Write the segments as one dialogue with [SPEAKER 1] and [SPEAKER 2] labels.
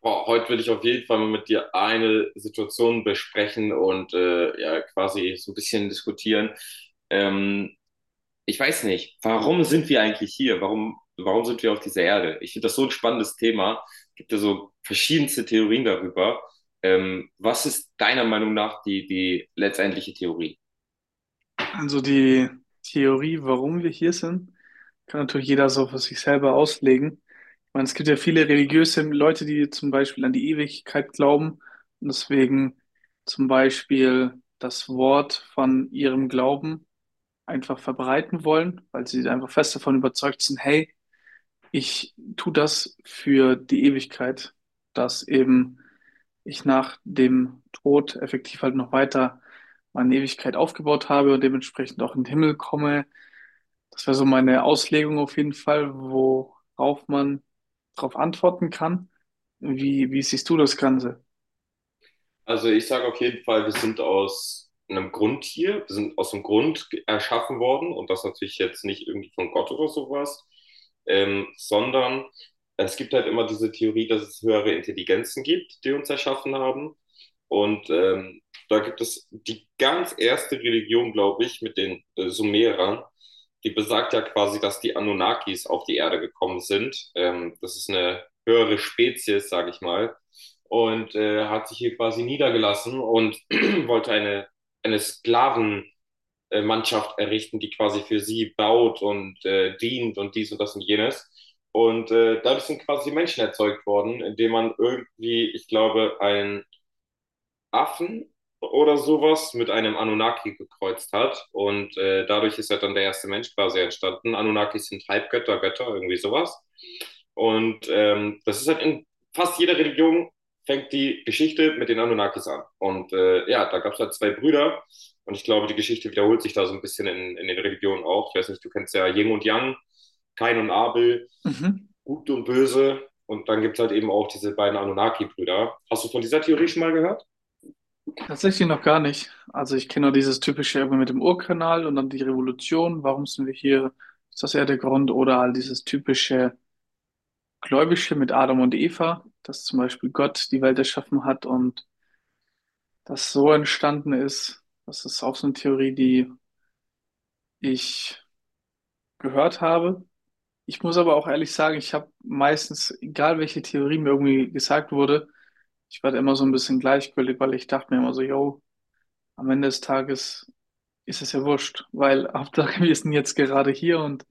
[SPEAKER 1] Boah, heute will ich auf jeden Fall mal mit dir eine Situation besprechen und ja, quasi so ein bisschen diskutieren. Ähm, Ich weiß nicht, warum sind wir eigentlich hier? Warum sind wir auf dieser Erde? Ich finde das so ein spannendes Thema. Es gibt ja so verschiedenste Theorien darüber. Was ist deiner Meinung nach die letztendliche Theorie?
[SPEAKER 2] Also die Theorie, warum wir hier sind, kann natürlich jeder so für sich selber auslegen. Ich meine, es gibt ja viele religiöse Leute, die zum Beispiel an die Ewigkeit glauben und deswegen zum Beispiel das Wort von ihrem Glauben einfach verbreiten wollen, weil sie einfach fest davon überzeugt sind, hey, ich tue das für die Ewigkeit, dass eben ich nach dem Tod effektiv halt noch weiter meine Ewigkeit aufgebaut habe und dementsprechend auch in den Himmel komme. Das wäre so meine Auslegung auf jeden Fall, worauf man darauf antworten kann. Wie siehst du das Ganze?
[SPEAKER 1] Also ich sage auf jeden Fall, wir sind aus einem Grund hier, wir sind aus dem Grund erschaffen worden und das natürlich jetzt nicht irgendwie von Gott oder sowas, sondern es gibt halt immer diese Theorie, dass es höhere Intelligenzen gibt, die uns erschaffen haben. Und da gibt es die ganz erste Religion, glaube ich, mit den Sumerern, die besagt ja quasi, dass die Anunnakis auf die Erde gekommen sind. Das ist eine höhere Spezies, sage ich mal, und hat sich hier quasi niedergelassen und wollte eine Sklavenmannschaft errichten, die quasi für sie baut und dient und dies und das und jenes. Und dadurch sind quasi Menschen erzeugt worden, indem man irgendwie, ich glaube, ein Affen oder sowas mit einem Anunnaki gekreuzt hat. Und dadurch ist halt dann der erste Mensch quasi entstanden. Anunnakis sind Halbgötter, Götter, irgendwie sowas. Und das ist halt in fast jeder Religion fängt die Geschichte mit den Anunnakis an. Und ja, da gab es halt zwei Brüder. Und ich glaube, die Geschichte wiederholt sich da so ein bisschen in den Religionen auch. Ich weiß nicht, du kennst ja Yin und Yang, Kain und Abel,
[SPEAKER 2] Mhm.
[SPEAKER 1] Gut und Böse. Und dann gibt es halt eben auch diese beiden Anunnaki-Brüder. Hast du von dieser Theorie schon mal gehört?
[SPEAKER 2] Tatsächlich noch gar nicht. Also ich kenne nur dieses typische irgendwie mit dem Urkanal und dann die Revolution. Warum sind wir hier? Ist das eher der Grund? Oder all dieses typische Gläubische mit Adam und Eva, dass zum Beispiel Gott die Welt erschaffen hat und das so entstanden ist. Das ist auch so eine Theorie, die ich gehört habe. Ich muss aber auch ehrlich sagen, ich habe meistens, egal welche Theorie mir irgendwie gesagt wurde, ich war da immer so ein bisschen gleichgültig, weil ich dachte mir immer so, yo, am Ende des Tages ist es ja wurscht, weil Hauptsache wir sind jetzt gerade hier und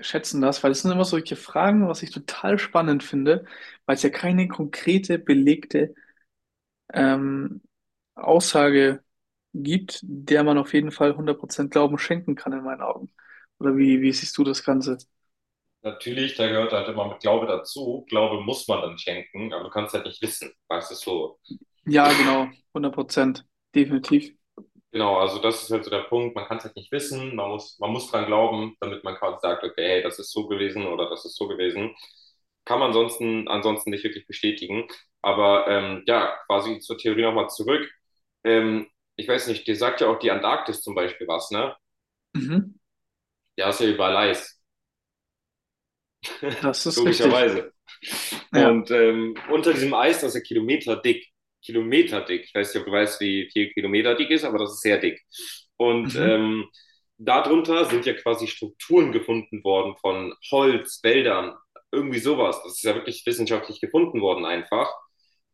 [SPEAKER 2] schätzen das, weil es sind immer solche Fragen, was ich total spannend finde, weil es ja keine konkrete, belegte ähm, Aussage gibt, der man auf jeden Fall hundert Prozent Glauben schenken kann in meinen Augen. Oder wie siehst du das Ganze?
[SPEAKER 1] Natürlich, da gehört halt immer mit Glaube dazu. Glaube muss man dann schenken, aber du kannst halt nicht wissen, weißt du so.
[SPEAKER 2] Ja, genau, hundert Prozent, definitiv.
[SPEAKER 1] Genau, also das ist halt so der Punkt. Man kann es halt nicht wissen. Man muss dran glauben, damit man quasi sagt, okay, hey, das ist so gewesen oder das ist so gewesen. Kann man ansonsten nicht wirklich bestätigen. Aber ja, quasi zur Theorie nochmal zurück. Ähm, Ich weiß nicht, dir sagt ja auch die Antarktis zum Beispiel was, ne?
[SPEAKER 2] Mhm.
[SPEAKER 1] Ja, ist ja überall Eis.
[SPEAKER 2] Das ist richtig.
[SPEAKER 1] Logischerweise.
[SPEAKER 2] Ja.
[SPEAKER 1] Und unter diesem Eis, das ist ja kilometerdick. Kilometerdick. Ich weiß nicht, ob du weißt, wie viel Kilometer dick ist, aber das ist sehr dick. Und
[SPEAKER 2] Mhm.
[SPEAKER 1] darunter sind ja quasi Strukturen gefunden worden von Holz, Wäldern, irgendwie sowas. Das ist ja wirklich wissenschaftlich gefunden worden einfach.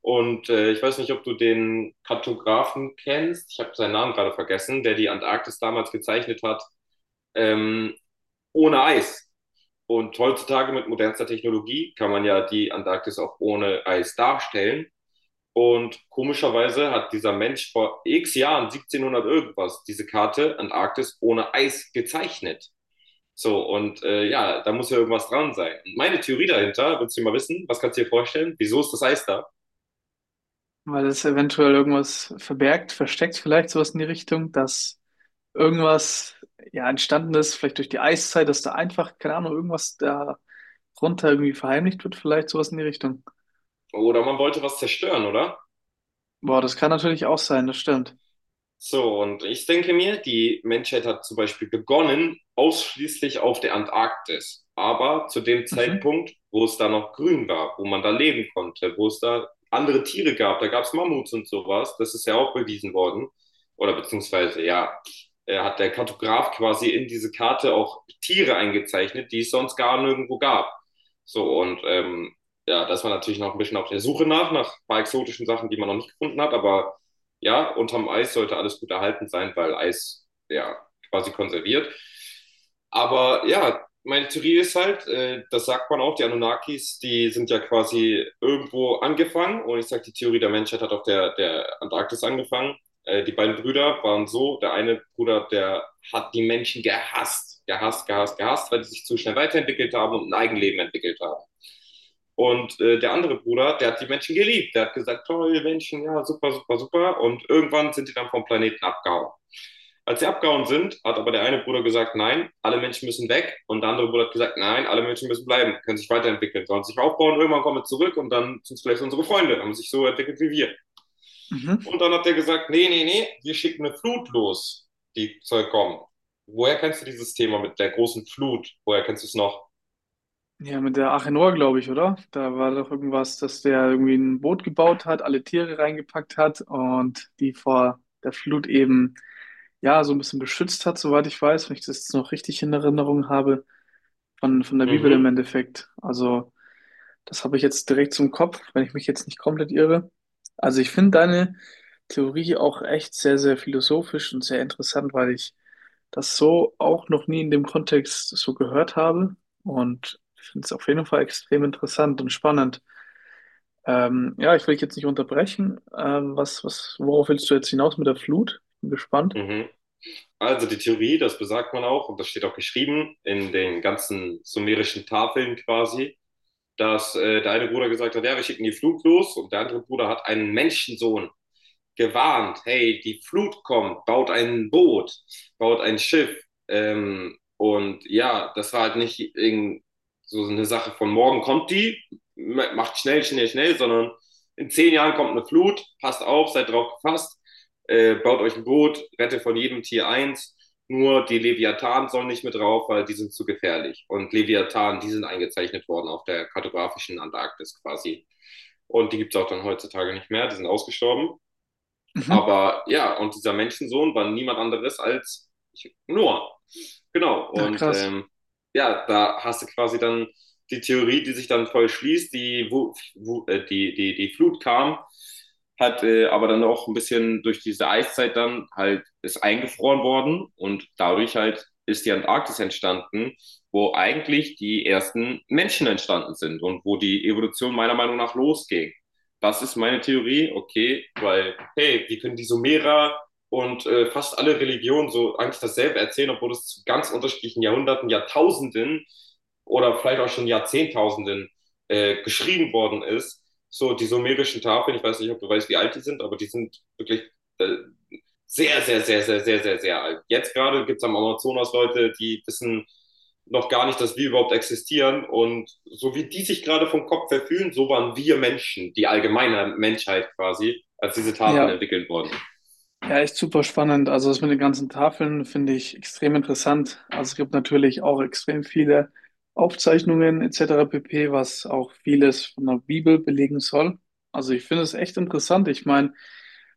[SPEAKER 1] Und ich weiß nicht, ob du den Kartografen kennst. Ich habe seinen Namen gerade vergessen, der die Antarktis damals gezeichnet hat, ähm, ohne Eis. Und heutzutage mit modernster Technologie kann man ja die Antarktis auch ohne Eis darstellen. Und komischerweise hat dieser Mensch vor x Jahren, 1700 irgendwas, diese Karte Antarktis ohne Eis gezeichnet. So, und ja, da muss ja irgendwas dran sein. Und meine Theorie dahinter, willst du mal wissen, was kannst du dir vorstellen? Wieso ist das Eis da?
[SPEAKER 2] Weil es eventuell irgendwas verbergt, versteckt, vielleicht sowas in die Richtung, dass irgendwas ja entstanden ist, vielleicht durch die Eiszeit, dass da einfach, keine Ahnung, irgendwas da runter irgendwie verheimlicht wird, vielleicht sowas in die Richtung.
[SPEAKER 1] Oder man wollte was zerstören, oder?
[SPEAKER 2] Boah, das kann natürlich auch sein, das stimmt.
[SPEAKER 1] So, und ich denke mir, die Menschheit hat zum Beispiel begonnen ausschließlich auf der Antarktis, aber zu dem
[SPEAKER 2] Mhm.
[SPEAKER 1] Zeitpunkt, wo es da noch grün war, wo man da leben konnte, wo es da andere Tiere gab, da gab es Mammuts und sowas, das ist ja auch bewiesen worden, oder beziehungsweise, ja, hat der Kartograf quasi in diese Karte auch Tiere eingezeichnet, die es sonst gar nirgendwo gab. So, und ja, das war natürlich noch ein bisschen auf der Suche nach ein paar exotischen Sachen, die man noch nicht gefunden hat, aber ja, unterm Eis sollte alles gut erhalten sein, weil Eis ja quasi konserviert. Aber ja, meine Theorie ist halt, das sagt man auch, die Anunnakis, die sind ja quasi irgendwo angefangen. Und ich sage, die Theorie der Menschheit hat auf der Antarktis angefangen. Die beiden Brüder waren so, der eine Bruder, der hat die Menschen gehasst, gehasst, gehasst, gehasst, weil die sich zu schnell weiterentwickelt haben und ein Eigenleben entwickelt haben. Und der andere Bruder, der hat die Menschen geliebt. Der hat gesagt, toll, Menschen, ja, super, super, super. Und irgendwann sind die dann vom Planeten abgehauen. Als sie abgehauen sind, hat aber der eine Bruder gesagt, nein, alle Menschen müssen weg. Und der andere Bruder hat gesagt, nein, alle Menschen müssen bleiben, können sich weiterentwickeln, sollen sich aufbauen, irgendwann kommen wir zurück und dann sind es vielleicht unsere Freunde, haben sich so entwickelt wie wir.
[SPEAKER 2] Mhm.
[SPEAKER 1] Und dann hat er gesagt, nee, nee, nee, wir schicken eine Flut los, die soll kommen. Woher kennst du dieses Thema mit der großen Flut? Woher kennst du es noch?
[SPEAKER 2] Ja, mit der Achenor, glaube ich, oder? Da war doch irgendwas, dass der irgendwie ein Boot gebaut hat, alle Tiere reingepackt hat und die vor der Flut eben ja so ein bisschen beschützt hat, soweit ich weiß, wenn ich das jetzt noch richtig in Erinnerung habe, von der Bibel im
[SPEAKER 1] Mhm,
[SPEAKER 2] Endeffekt. Also, das habe ich jetzt direkt zum Kopf, wenn ich mich jetzt nicht komplett irre. Also ich finde deine Theorie auch echt sehr, sehr philosophisch und sehr interessant, weil ich das so auch noch nie in dem Kontext so gehört habe. Und ich finde es auf jeden Fall extrem interessant und spannend. Ja, ich will dich jetzt nicht unterbrechen. Worauf willst du jetzt hinaus mit der Flut? Bin gespannt.
[SPEAKER 1] mhm. Also die Theorie, das besagt man auch, und das steht auch geschrieben in den ganzen sumerischen Tafeln quasi, dass der eine Bruder gesagt hat, ja, wir schicken die Flut los und der andere Bruder hat einen Menschensohn gewarnt, hey, die Flut kommt, baut ein Boot, baut ein Schiff. Und ja, das war halt nicht so eine Sache von morgen kommt die, macht schnell, schnell, schnell, sondern in 10 Jahren kommt eine Flut, passt auf, seid drauf gefasst, baut euch ein Boot, rette von jedem Tier eins. Nur die Leviathan sollen nicht mit drauf, weil die sind zu gefährlich. Und Leviathan, die sind eingezeichnet worden auf der kartografischen Antarktis quasi. Und die gibt es auch dann heutzutage nicht mehr, die sind ausgestorben,
[SPEAKER 2] Mhm.
[SPEAKER 1] aber ja, und dieser Menschensohn war niemand anderes als Noah. Genau.
[SPEAKER 2] Ach,
[SPEAKER 1] Und
[SPEAKER 2] krass.
[SPEAKER 1] ja, da hast du quasi dann die Theorie, die sich dann voll schließt, die, wo, wo, die, die, die Flut kam, hat aber dann auch ein bisschen durch diese Eiszeit dann halt ist eingefroren worden und dadurch halt ist die Antarktis entstanden, wo eigentlich die ersten Menschen entstanden sind und wo die Evolution meiner Meinung nach losging. Das ist meine Theorie, okay, weil, hey, wie können die Sumerer und fast alle Religionen so eigentlich dasselbe erzählen, obwohl es zu ganz unterschiedlichen Jahrhunderten, Jahrtausenden oder vielleicht auch schon Jahrzehntausenden geschrieben worden ist. So, die sumerischen Tafeln, ich weiß nicht, ob du weißt, wie alt die sind, aber die sind wirklich äh, sehr, sehr, sehr, sehr, sehr, sehr, sehr alt. Jetzt gerade gibt es am Amazonas Leute, die wissen noch gar nicht, dass wir überhaupt existieren. Und so wie die sich gerade vom Kopf verfühlen, so waren wir Menschen, die allgemeine Menschheit quasi, als diese Tafeln
[SPEAKER 2] Ja,
[SPEAKER 1] entwickelt wurden.
[SPEAKER 2] ja, echt super spannend. Also das mit den ganzen Tafeln finde ich extrem interessant. Also es gibt natürlich auch extrem viele Aufzeichnungen etc. pp., was auch vieles von der Bibel belegen soll. Also ich finde es echt interessant. Ich meine,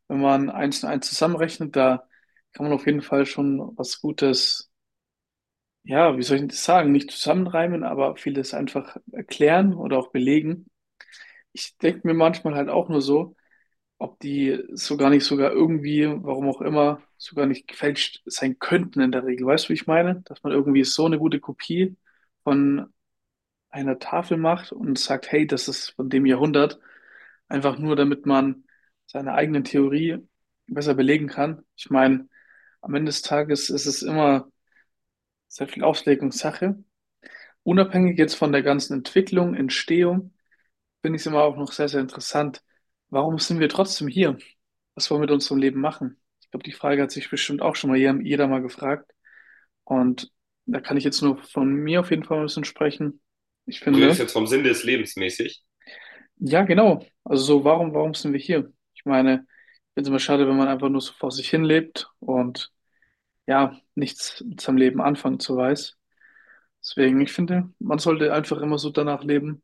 [SPEAKER 2] wenn man eins und eins zusammenrechnet, da kann man auf jeden Fall schon was Gutes, ja, wie soll ich das sagen, nicht zusammenreimen, aber vieles einfach erklären oder auch belegen. Ich denke mir manchmal halt auch nur so, ob die so gar nicht sogar irgendwie, warum auch immer, sogar nicht gefälscht sein könnten in der Regel. Weißt du, wie ich meine? Dass man irgendwie so eine gute Kopie von einer Tafel macht und sagt, hey, das ist von dem Jahrhundert, einfach nur damit man seine eigene Theorie besser belegen kann. Ich meine, am Ende des Tages ist es immer sehr viel Auslegungssache. Unabhängig jetzt von der ganzen Entwicklung, Entstehung, finde ich es immer auch noch sehr, sehr interessant. Warum sind wir trotzdem hier? Was wollen wir mit unserem Leben machen? Ich glaube, die Frage hat sich bestimmt auch schon mal jeder mal gefragt. Und da kann ich jetzt nur von mir auf jeden Fall ein bisschen sprechen. Ich
[SPEAKER 1] Du redest
[SPEAKER 2] finde,
[SPEAKER 1] jetzt vom Sinn des Lebens mäßig.
[SPEAKER 2] ja, genau. Also so, warum sind wir hier? Ich meine, ich finde es immer schade, wenn man einfach nur so vor sich hin lebt und ja, nichts mit seinem Leben anfangen zu weiß. Deswegen, ich finde, man sollte einfach immer so danach leben,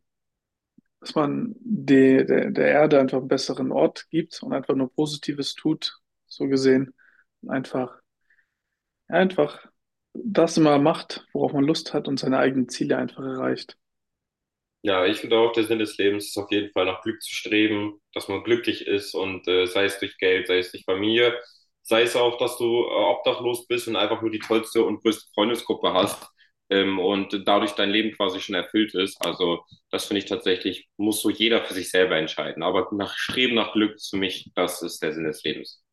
[SPEAKER 2] dass man der Erde einfach einen besseren Ort gibt und einfach nur Positives tut, so gesehen. Und einfach, ja, einfach das immer macht, worauf man Lust hat und seine eigenen Ziele einfach erreicht.
[SPEAKER 1] Ja, ich finde auch, der Sinn des Lebens ist auf jeden Fall nach Glück zu streben, dass man glücklich ist und sei es durch Geld, sei es durch Familie, sei es auch, dass du obdachlos bist und einfach nur die tollste und größte Freundesgruppe hast, und dadurch dein Leben quasi schon erfüllt ist. Also das finde ich tatsächlich, muss so jeder für sich selber entscheiden. Aber nach Streben nach Glück ist für mich, das ist der Sinn des Lebens.